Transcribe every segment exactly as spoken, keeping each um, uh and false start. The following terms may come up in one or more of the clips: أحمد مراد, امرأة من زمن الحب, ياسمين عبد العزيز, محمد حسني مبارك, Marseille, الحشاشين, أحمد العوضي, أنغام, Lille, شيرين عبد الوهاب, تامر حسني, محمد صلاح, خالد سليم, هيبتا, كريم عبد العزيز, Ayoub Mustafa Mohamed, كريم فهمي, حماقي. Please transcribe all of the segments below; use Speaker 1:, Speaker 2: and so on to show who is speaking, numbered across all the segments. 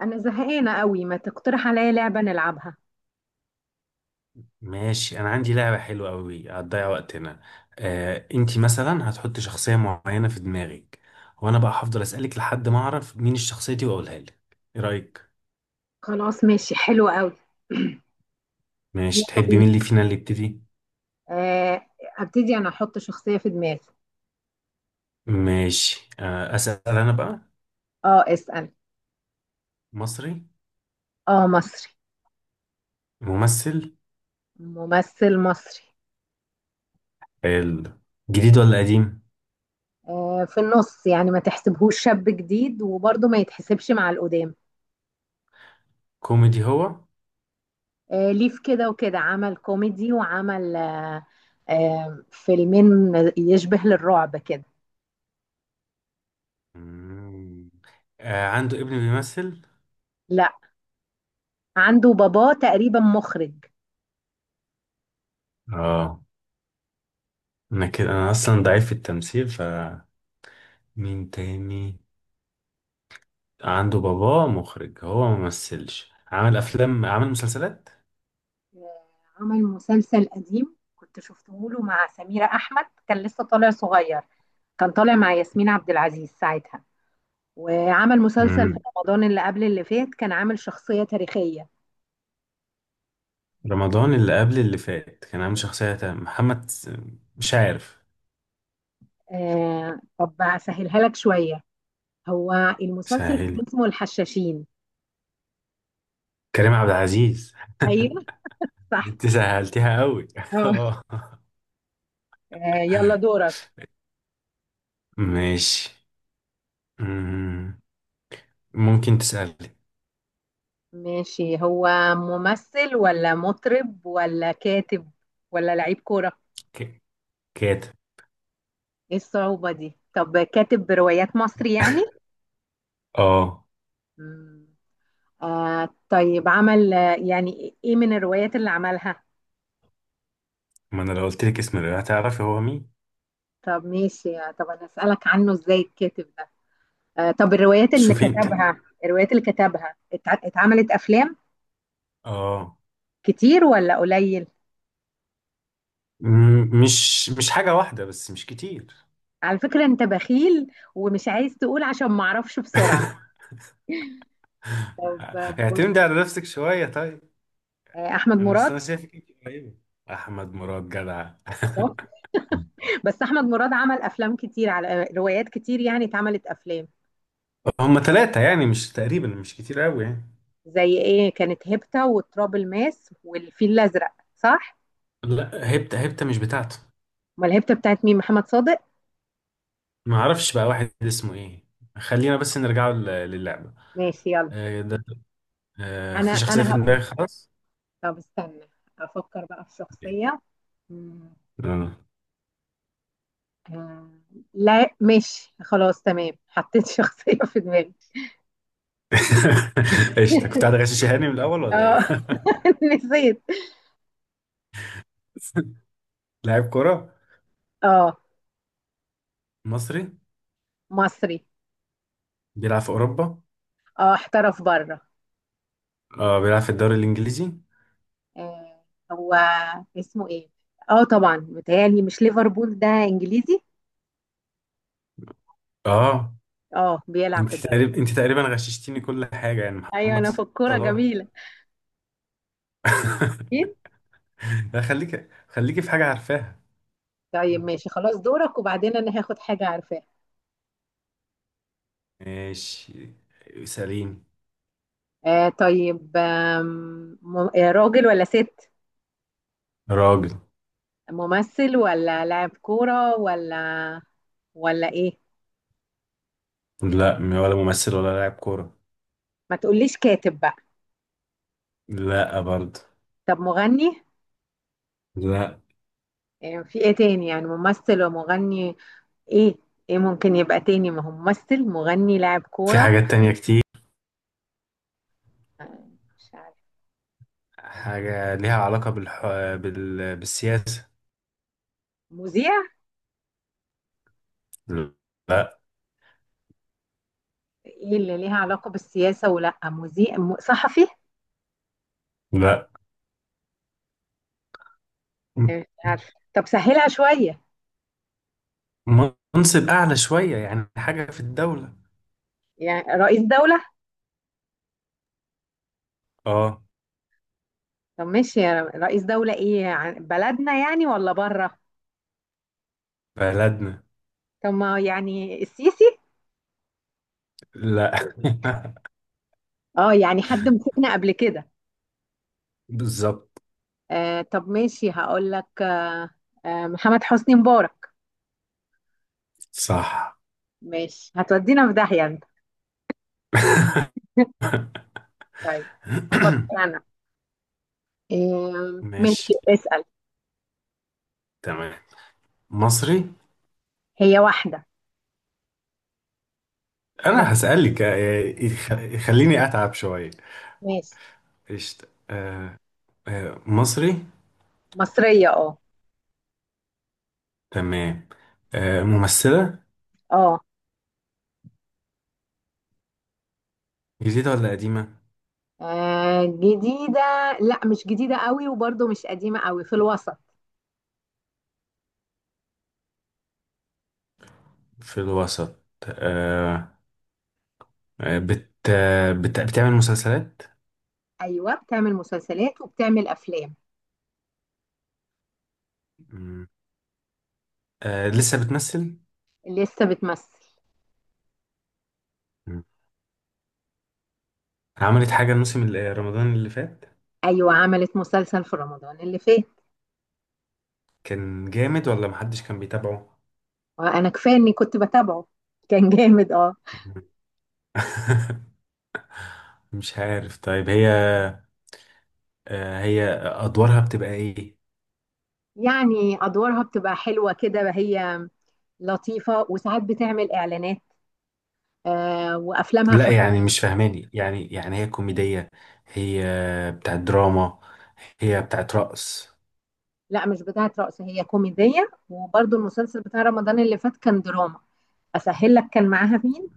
Speaker 1: انا زهقانه قوي، ما تقترح عليا لعبه نلعبها؟
Speaker 2: ماشي، انا عندي لعبة حلوة قوي هتضيع وقتنا. آه، انتي مثلا هتحطي شخصية معينة في دماغك، وانا بقى هفضل اسألك لحد ما اعرف مين الشخصية دي واقولها لك. ايه رأيك؟
Speaker 1: خلاص ماشي حلو قوي. يلا
Speaker 2: ماشي، تحبي
Speaker 1: بينا.
Speaker 2: مين اللي فينا اللي يبتدي؟
Speaker 1: آه، ابتدي انا احط شخصيه في دماغي.
Speaker 2: ماشي. آه، اسأل انا بقى.
Speaker 1: اه اسال.
Speaker 2: مصري.
Speaker 1: اه مصري.
Speaker 2: ممثل.
Speaker 1: ممثل مصري.
Speaker 2: حلو. جديد ولا قديم؟
Speaker 1: آه، في النص يعني، ما تحسبهوش شاب جديد وبرضه ما يتحسبش مع القدام.
Speaker 2: كوميدي هو؟
Speaker 1: آه، ليه في كده وكده، عمل كوميدي وعمل آه، آه، فيلمين يشبه للرعب كده.
Speaker 2: مم. آه، عنده ابن بيمثل؟
Speaker 1: لا، عنده باباه تقريبا مخرج.
Speaker 2: اه. انا كده انا اصلا ضعيف في التمثيل، فمين تاني؟ عنده باباه مخرج، هو ما مثلش، عمل افلام، عمل مسلسلات.
Speaker 1: آه، عمل مسلسل قديم كنت شفته له مع سميرة أحمد، كان لسه طالع صغير. كان طالع مع ياسمين عبد العزيز ساعتها. وعمل مسلسل في
Speaker 2: مم.
Speaker 1: رمضان اللي قبل اللي فات، كان عامل شخصية تاريخية.
Speaker 2: رمضان اللي قبل اللي فات كان عامل شخصية تانية. محمد س- مش عارف.
Speaker 1: آه طب أسهلها لك شوية. هو المسلسل
Speaker 2: سهلي.
Speaker 1: كان اسمه الحشاشين.
Speaker 2: كريم عبد العزيز.
Speaker 1: أيوه صح.
Speaker 2: انت سهلتيها قوي
Speaker 1: آه.
Speaker 2: اه.
Speaker 1: آه، يلا دورك.
Speaker 2: ماشي. مم. ممكن تسألي.
Speaker 1: ماشي. هو ممثل ولا مطرب ولا كاتب، ولا لعيب كورة؟
Speaker 2: ك- كاتب.
Speaker 1: ايه الصعوبة دي؟ طب كاتب بروايات مصري يعني.
Speaker 2: اه.
Speaker 1: مم. آه طيب، عمل آه، يعني ايه من الروايات اللي عملها؟
Speaker 2: ما انا لو قلت لك اسم الرواية هتعرفي هو مين.
Speaker 1: طب ماشي، آه، طب انا اسالك عنه ازاي الكاتب ده. آه طب الروايات اللي
Speaker 2: شوفي انت.
Speaker 1: كتبها، الروايات اللي كتبها اتع- اتعملت افلام
Speaker 2: اه.
Speaker 1: كتير ولا قليل؟
Speaker 2: مم، مش مش حاجة واحدة بس، مش كتير.
Speaker 1: على فكرة انت بخيل ومش عايز تقول عشان ما اعرفش بسرعة. طب آه، بص،
Speaker 2: اعتمدي على نفسك شوية طيب.
Speaker 1: آه، احمد
Speaker 2: انا بس
Speaker 1: مراد.
Speaker 2: انا شايفك انت قريبه. احمد مراد جدع
Speaker 1: شاطر. بس احمد مراد عمل افلام كتير، على آه، روايات كتير يعني اتعملت افلام.
Speaker 2: هم ثلاثة يعني، مش تقريبا، مش كتير قوي يعني.
Speaker 1: زي ايه؟ كانت هيبتا وتراب الماس والفيل الازرق صح؟
Speaker 2: لا، هبتة هبتة مش بتاعته.
Speaker 1: امال الهبته بتاعت مين؟ محمد صادق.
Speaker 2: ما اعرفش بقى واحد اسمه ايه. خلينا بس نرجع لل- للعبة.
Speaker 1: ماشي يلا.
Speaker 2: آه، ده. آه،
Speaker 1: انا
Speaker 2: في شخصية
Speaker 1: انا
Speaker 2: في
Speaker 1: هقول.
Speaker 2: دماغي خلاص.
Speaker 1: طب استنى افكر بقى في شخصيه. مم.
Speaker 2: آه.
Speaker 1: آه، لا ماشي خلاص تمام، حطيت شخصيه في دماغي.
Speaker 2: ايش، انت كنت قاعد غشش هاني من الاول ولا ايه؟
Speaker 1: اه. نسيت.
Speaker 2: لاعب كرة.
Speaker 1: اه.
Speaker 2: مصري.
Speaker 1: مصري.
Speaker 2: بيلعب في اوروبا.
Speaker 1: اه احترف بره.
Speaker 2: اه، بيلعب في الدوري الانجليزي.
Speaker 1: آه. هو اسمه ايه؟ اه طبعا متهيألي مش ليفربول ده انجليزي؟
Speaker 2: اه.
Speaker 1: اه بيلعب
Speaker 2: انت
Speaker 1: في الدوري.
Speaker 2: تقريبا انت تقريبا غششتيني كل حاجة يعني.
Speaker 1: ايوه
Speaker 2: محمد
Speaker 1: انا في الكوره
Speaker 2: صلاح.
Speaker 1: جميله. اكيد.
Speaker 2: لا، خليك خليكي في حاجة عارفاها.
Speaker 1: طيب ماشي خلاص دورك، وبعدين انا هاخد حاجه عارفاها.
Speaker 2: ماشي. سليم.
Speaker 1: آه طيب، آم، م- آه، راجل ولا ست؟
Speaker 2: راجل.
Speaker 1: ممثل ولا لاعب كورة، ولا ولا ايه؟
Speaker 2: لا، م- ولا ممثل ولا لاعب كورة.
Speaker 1: ما تقوليش كاتب بقى.
Speaker 2: لا برضه.
Speaker 1: طب مغني؟
Speaker 2: لا.
Speaker 1: آه، في ايه تاني يعني؟ ممثل ومغني، ايه ايه ممكن يبقى تاني؟ ما هو ممثل، مغني، لاعب
Speaker 2: في
Speaker 1: كورة.
Speaker 2: حاجات تانية كتير.
Speaker 1: آه، مش عارف.
Speaker 2: حاجة ليها علاقة بالح... بال... بالسياسة.
Speaker 1: مذيع؟
Speaker 2: لا.
Speaker 1: ايه اللي ليها علاقة بالسياسة؟ ولا مذيع، م- صحفي؟
Speaker 2: لا. م-
Speaker 1: آه، مش عارف طب سهلها شوية.
Speaker 2: منصب أعلى شوية يعني، حاجة في الدولة.
Speaker 1: يعني رئيس دولة؟
Speaker 2: اه.
Speaker 1: طب ماشي يا رئيس دولة، ايه عن- بلدنا يعني ولا بره؟
Speaker 2: بلدنا.
Speaker 1: طب ما يعني السيسي؟
Speaker 2: لا
Speaker 1: اه يعني حد مسكنا قبل كده.
Speaker 2: بالظبط.
Speaker 1: آه طب ماشي هقول لك، آه محمد حسني مبارك.
Speaker 2: صح.
Speaker 1: ماشي هتودينا في داهية انت. طيب هفكر انا. آه
Speaker 2: ماشي.
Speaker 1: ماشي اسأل.
Speaker 2: تمام. مصري.
Speaker 1: هي واحدة. مص-
Speaker 2: انا هسألك، آه، يخ- خليني اتعب شوية.
Speaker 1: ماشي.
Speaker 2: قشطة. آه، آه، مصري.
Speaker 1: مصرية اه.
Speaker 2: تمام. آه، ممثلة.
Speaker 1: اه.
Speaker 2: جديدة ولا قديمة؟
Speaker 1: آه، جديدة، لا مش جديدة قوي وبرضه مش قديمة قوي، في الوسط.
Speaker 2: في الوسط. آه، آه، بت آه، بت- بتعمل مسلسلات؟
Speaker 1: ايوه بتعمل مسلسلات وبتعمل افلام.
Speaker 2: مم. آه، لسه بتمثل؟
Speaker 1: لسه بتمثل.
Speaker 2: مم. عملت حاجة الموسم اللي- رمضان اللي فات؟
Speaker 1: ايوه عملت مسلسل في رمضان اللي فات.
Speaker 2: كان جامد ولا محدش كان بيتابعه؟
Speaker 1: انا كفايه اني كنت بتابعه، كان جامد اه.
Speaker 2: مم. مش عارف طيب. هي، آه، هي أدوارها بتبقى إيه؟
Speaker 1: يعني ادوارها بتبقى حلوه كده هي، لطيفه وساعات بتعمل اعلانات، آه وافلامها
Speaker 2: لا
Speaker 1: خفيفه.
Speaker 2: يعني مش فاهماني، يعني يعني هي كوميدية، هي بتاعت دراما، هي بتاعت رقص؟
Speaker 1: لا مش بتاعه رقص، هي كوميديه وبرضو المسلسل بتاع رمضان اللي فات كان دراما. اسهل لك، كان معاها مين؟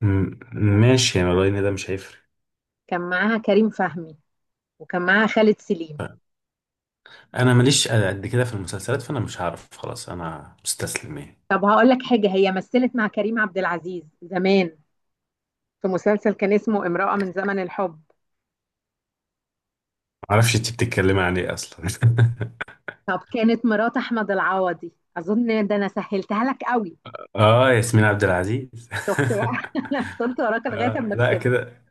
Speaker 2: م- ماشي يعني، والله ان ده مش هيفرق.
Speaker 1: كان معاها كريم فهمي وكان معاها خالد سليم.
Speaker 2: انا ماليش قد كده في المسلسلات، فانا مش هعرف، خلاص انا مستسلم يعني.
Speaker 1: طب هقول لك حاجه، هي مثلت مع كريم عبد العزيز زمان في مسلسل كان اسمه امرأة من زمن الحب.
Speaker 2: معرفش انت بتتكلمي عن ايه اصلا.
Speaker 1: طب كانت مرات احمد العوضي. اظن ده انا سهلتها لك قوي.
Speaker 2: اه، ياسمين عبد العزيز.
Speaker 1: شفت بقى؟ انا فضلت وراك لغايه
Speaker 2: آه
Speaker 1: اما
Speaker 2: لا
Speaker 1: كسبت.
Speaker 2: كده،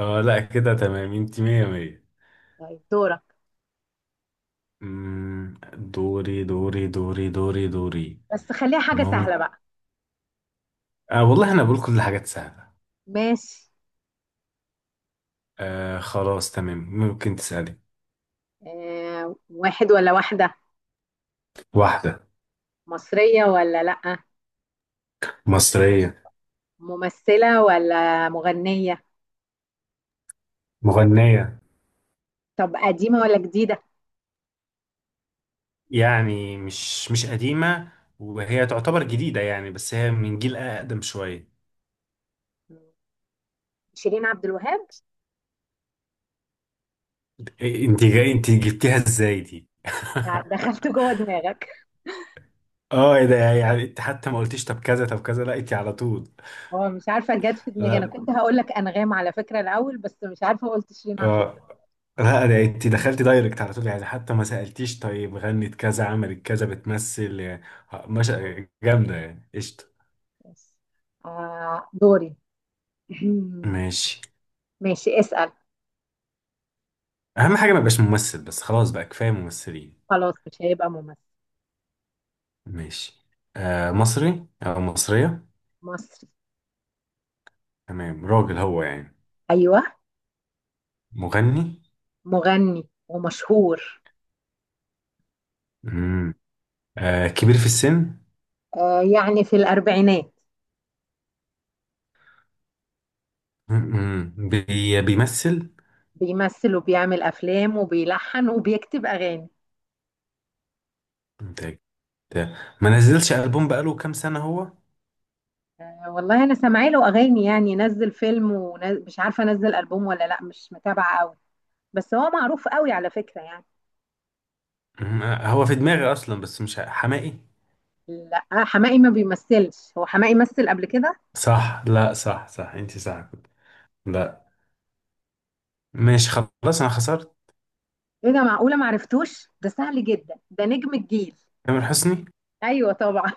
Speaker 2: اه لا كده تمام، انت مية مية.
Speaker 1: طيب دورك،
Speaker 2: مم، دوري دوري دوري دوري دوري.
Speaker 1: بس خليها حاجه سهله
Speaker 2: ممكن.
Speaker 1: بقى.
Speaker 2: آه والله انا بقول كل حاجات سهلة.
Speaker 1: ماشي.
Speaker 2: آه خلاص تمام، ممكن تسألي.
Speaker 1: آه واحد ولا واحده؟
Speaker 2: واحدة.
Speaker 1: مصريه ولا لا؟
Speaker 2: مصرية.
Speaker 1: ممثله ولا مغنيه؟
Speaker 2: مغنية.
Speaker 1: طب قديمه ولا جديده؟
Speaker 2: يعني مش مش قديمة، وهي تعتبر جديدة يعني، بس هي من جيل أقدم شوية.
Speaker 1: شيرين عبد الوهاب.
Speaker 2: إيه، انت جاي انت جبتيها ازاي دي؟
Speaker 1: دخلت جوه دماغك.
Speaker 2: اه، ايه ده يعني، انت حتى ما قلتيش طب كذا طب كذا، لا انت على طول.
Speaker 1: هو مش عارفه جت في دماغي، انا
Speaker 2: لا.
Speaker 1: كنت هقول لك انغام على فكره الاول بس مش عارفه قلت شيرين عبد
Speaker 2: اه.
Speaker 1: الوهاب.
Speaker 2: لا، ده انت دخلتي دايركت على طول يعني، حتى ما سألتيش طيب غنت كذا عملت كذا بتمثل يعني. آه، مش جامدة يعني، قشطة.
Speaker 1: بس. آه دوري.
Speaker 2: ماشي.
Speaker 1: ماشي اسال.
Speaker 2: اهم حاجه ما يبقاش ممثل بس، خلاص بقى كفايه ممثلين.
Speaker 1: خلاص مش هيبقى ممثل.
Speaker 2: ماشي. آه مصري او مصريه؟
Speaker 1: مصري.
Speaker 2: تمام. راجل هو يعني؟
Speaker 1: ايوه.
Speaker 2: مغني.
Speaker 1: مغني ومشهور.
Speaker 2: مم. آه كبير في السن؟
Speaker 1: آه، يعني في الأربعينات.
Speaker 2: مم. بي بيمثل؟
Speaker 1: بيمثل وبيعمل أفلام وبيلحن وبيكتب أغاني.
Speaker 2: انت أنت- ما نزلش البوم بقاله كام سنه هو؟
Speaker 1: آه، والله أنا سامعه له أغاني، يعني نزل فيلم ومش عارفة نزل ألبوم ولا لأ، مش متابعة قوي. بس هو معروف قوي على فكرة يعني.
Speaker 2: مم. آه، هو في دماغي اصلا، بس مش ه- حماقي؟
Speaker 1: لا آه، حماقي ما بيمثلش، هو حماقي مثل قبل كده.
Speaker 2: صح. لا صح صح، انت صح كنت. لا. ماشي خلاص، انا خسرت.
Speaker 1: ايه ده؟ معقولة معرفتوش؟ ده سهل جدا، ده نجم الجيل.
Speaker 2: تامر حسني.
Speaker 1: ايوه طبعا.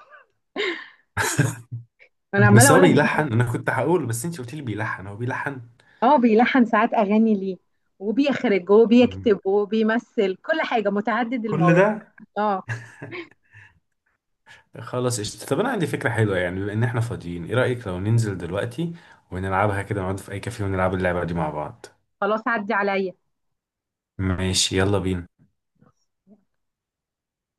Speaker 1: انا عماله
Speaker 2: بس هو
Speaker 1: اقول
Speaker 2: بيلحن،
Speaker 1: لك.
Speaker 2: انا كنت هقول، بس انت قلت لي بيلحن، هو بيلحن.
Speaker 1: اه بيلحن ساعات اغاني ليه، وبيخرج
Speaker 2: مم.
Speaker 1: وبيكتب وبيمثل كل حاجه، متعدد
Speaker 2: كل
Speaker 1: المواهب.
Speaker 2: ده.
Speaker 1: اه.
Speaker 2: خلاص قشطة. طب انا عندي فكرة حلوة، يعني بما ان احنا فاضيين، ايه رأيك لو ننزل دلوقتي ونلعبها كده، نقعد في اي كافيه ونلعب اللعبة دي مع بعض.
Speaker 1: خلاص عدي عليا.
Speaker 2: ماشي، يلا بينا.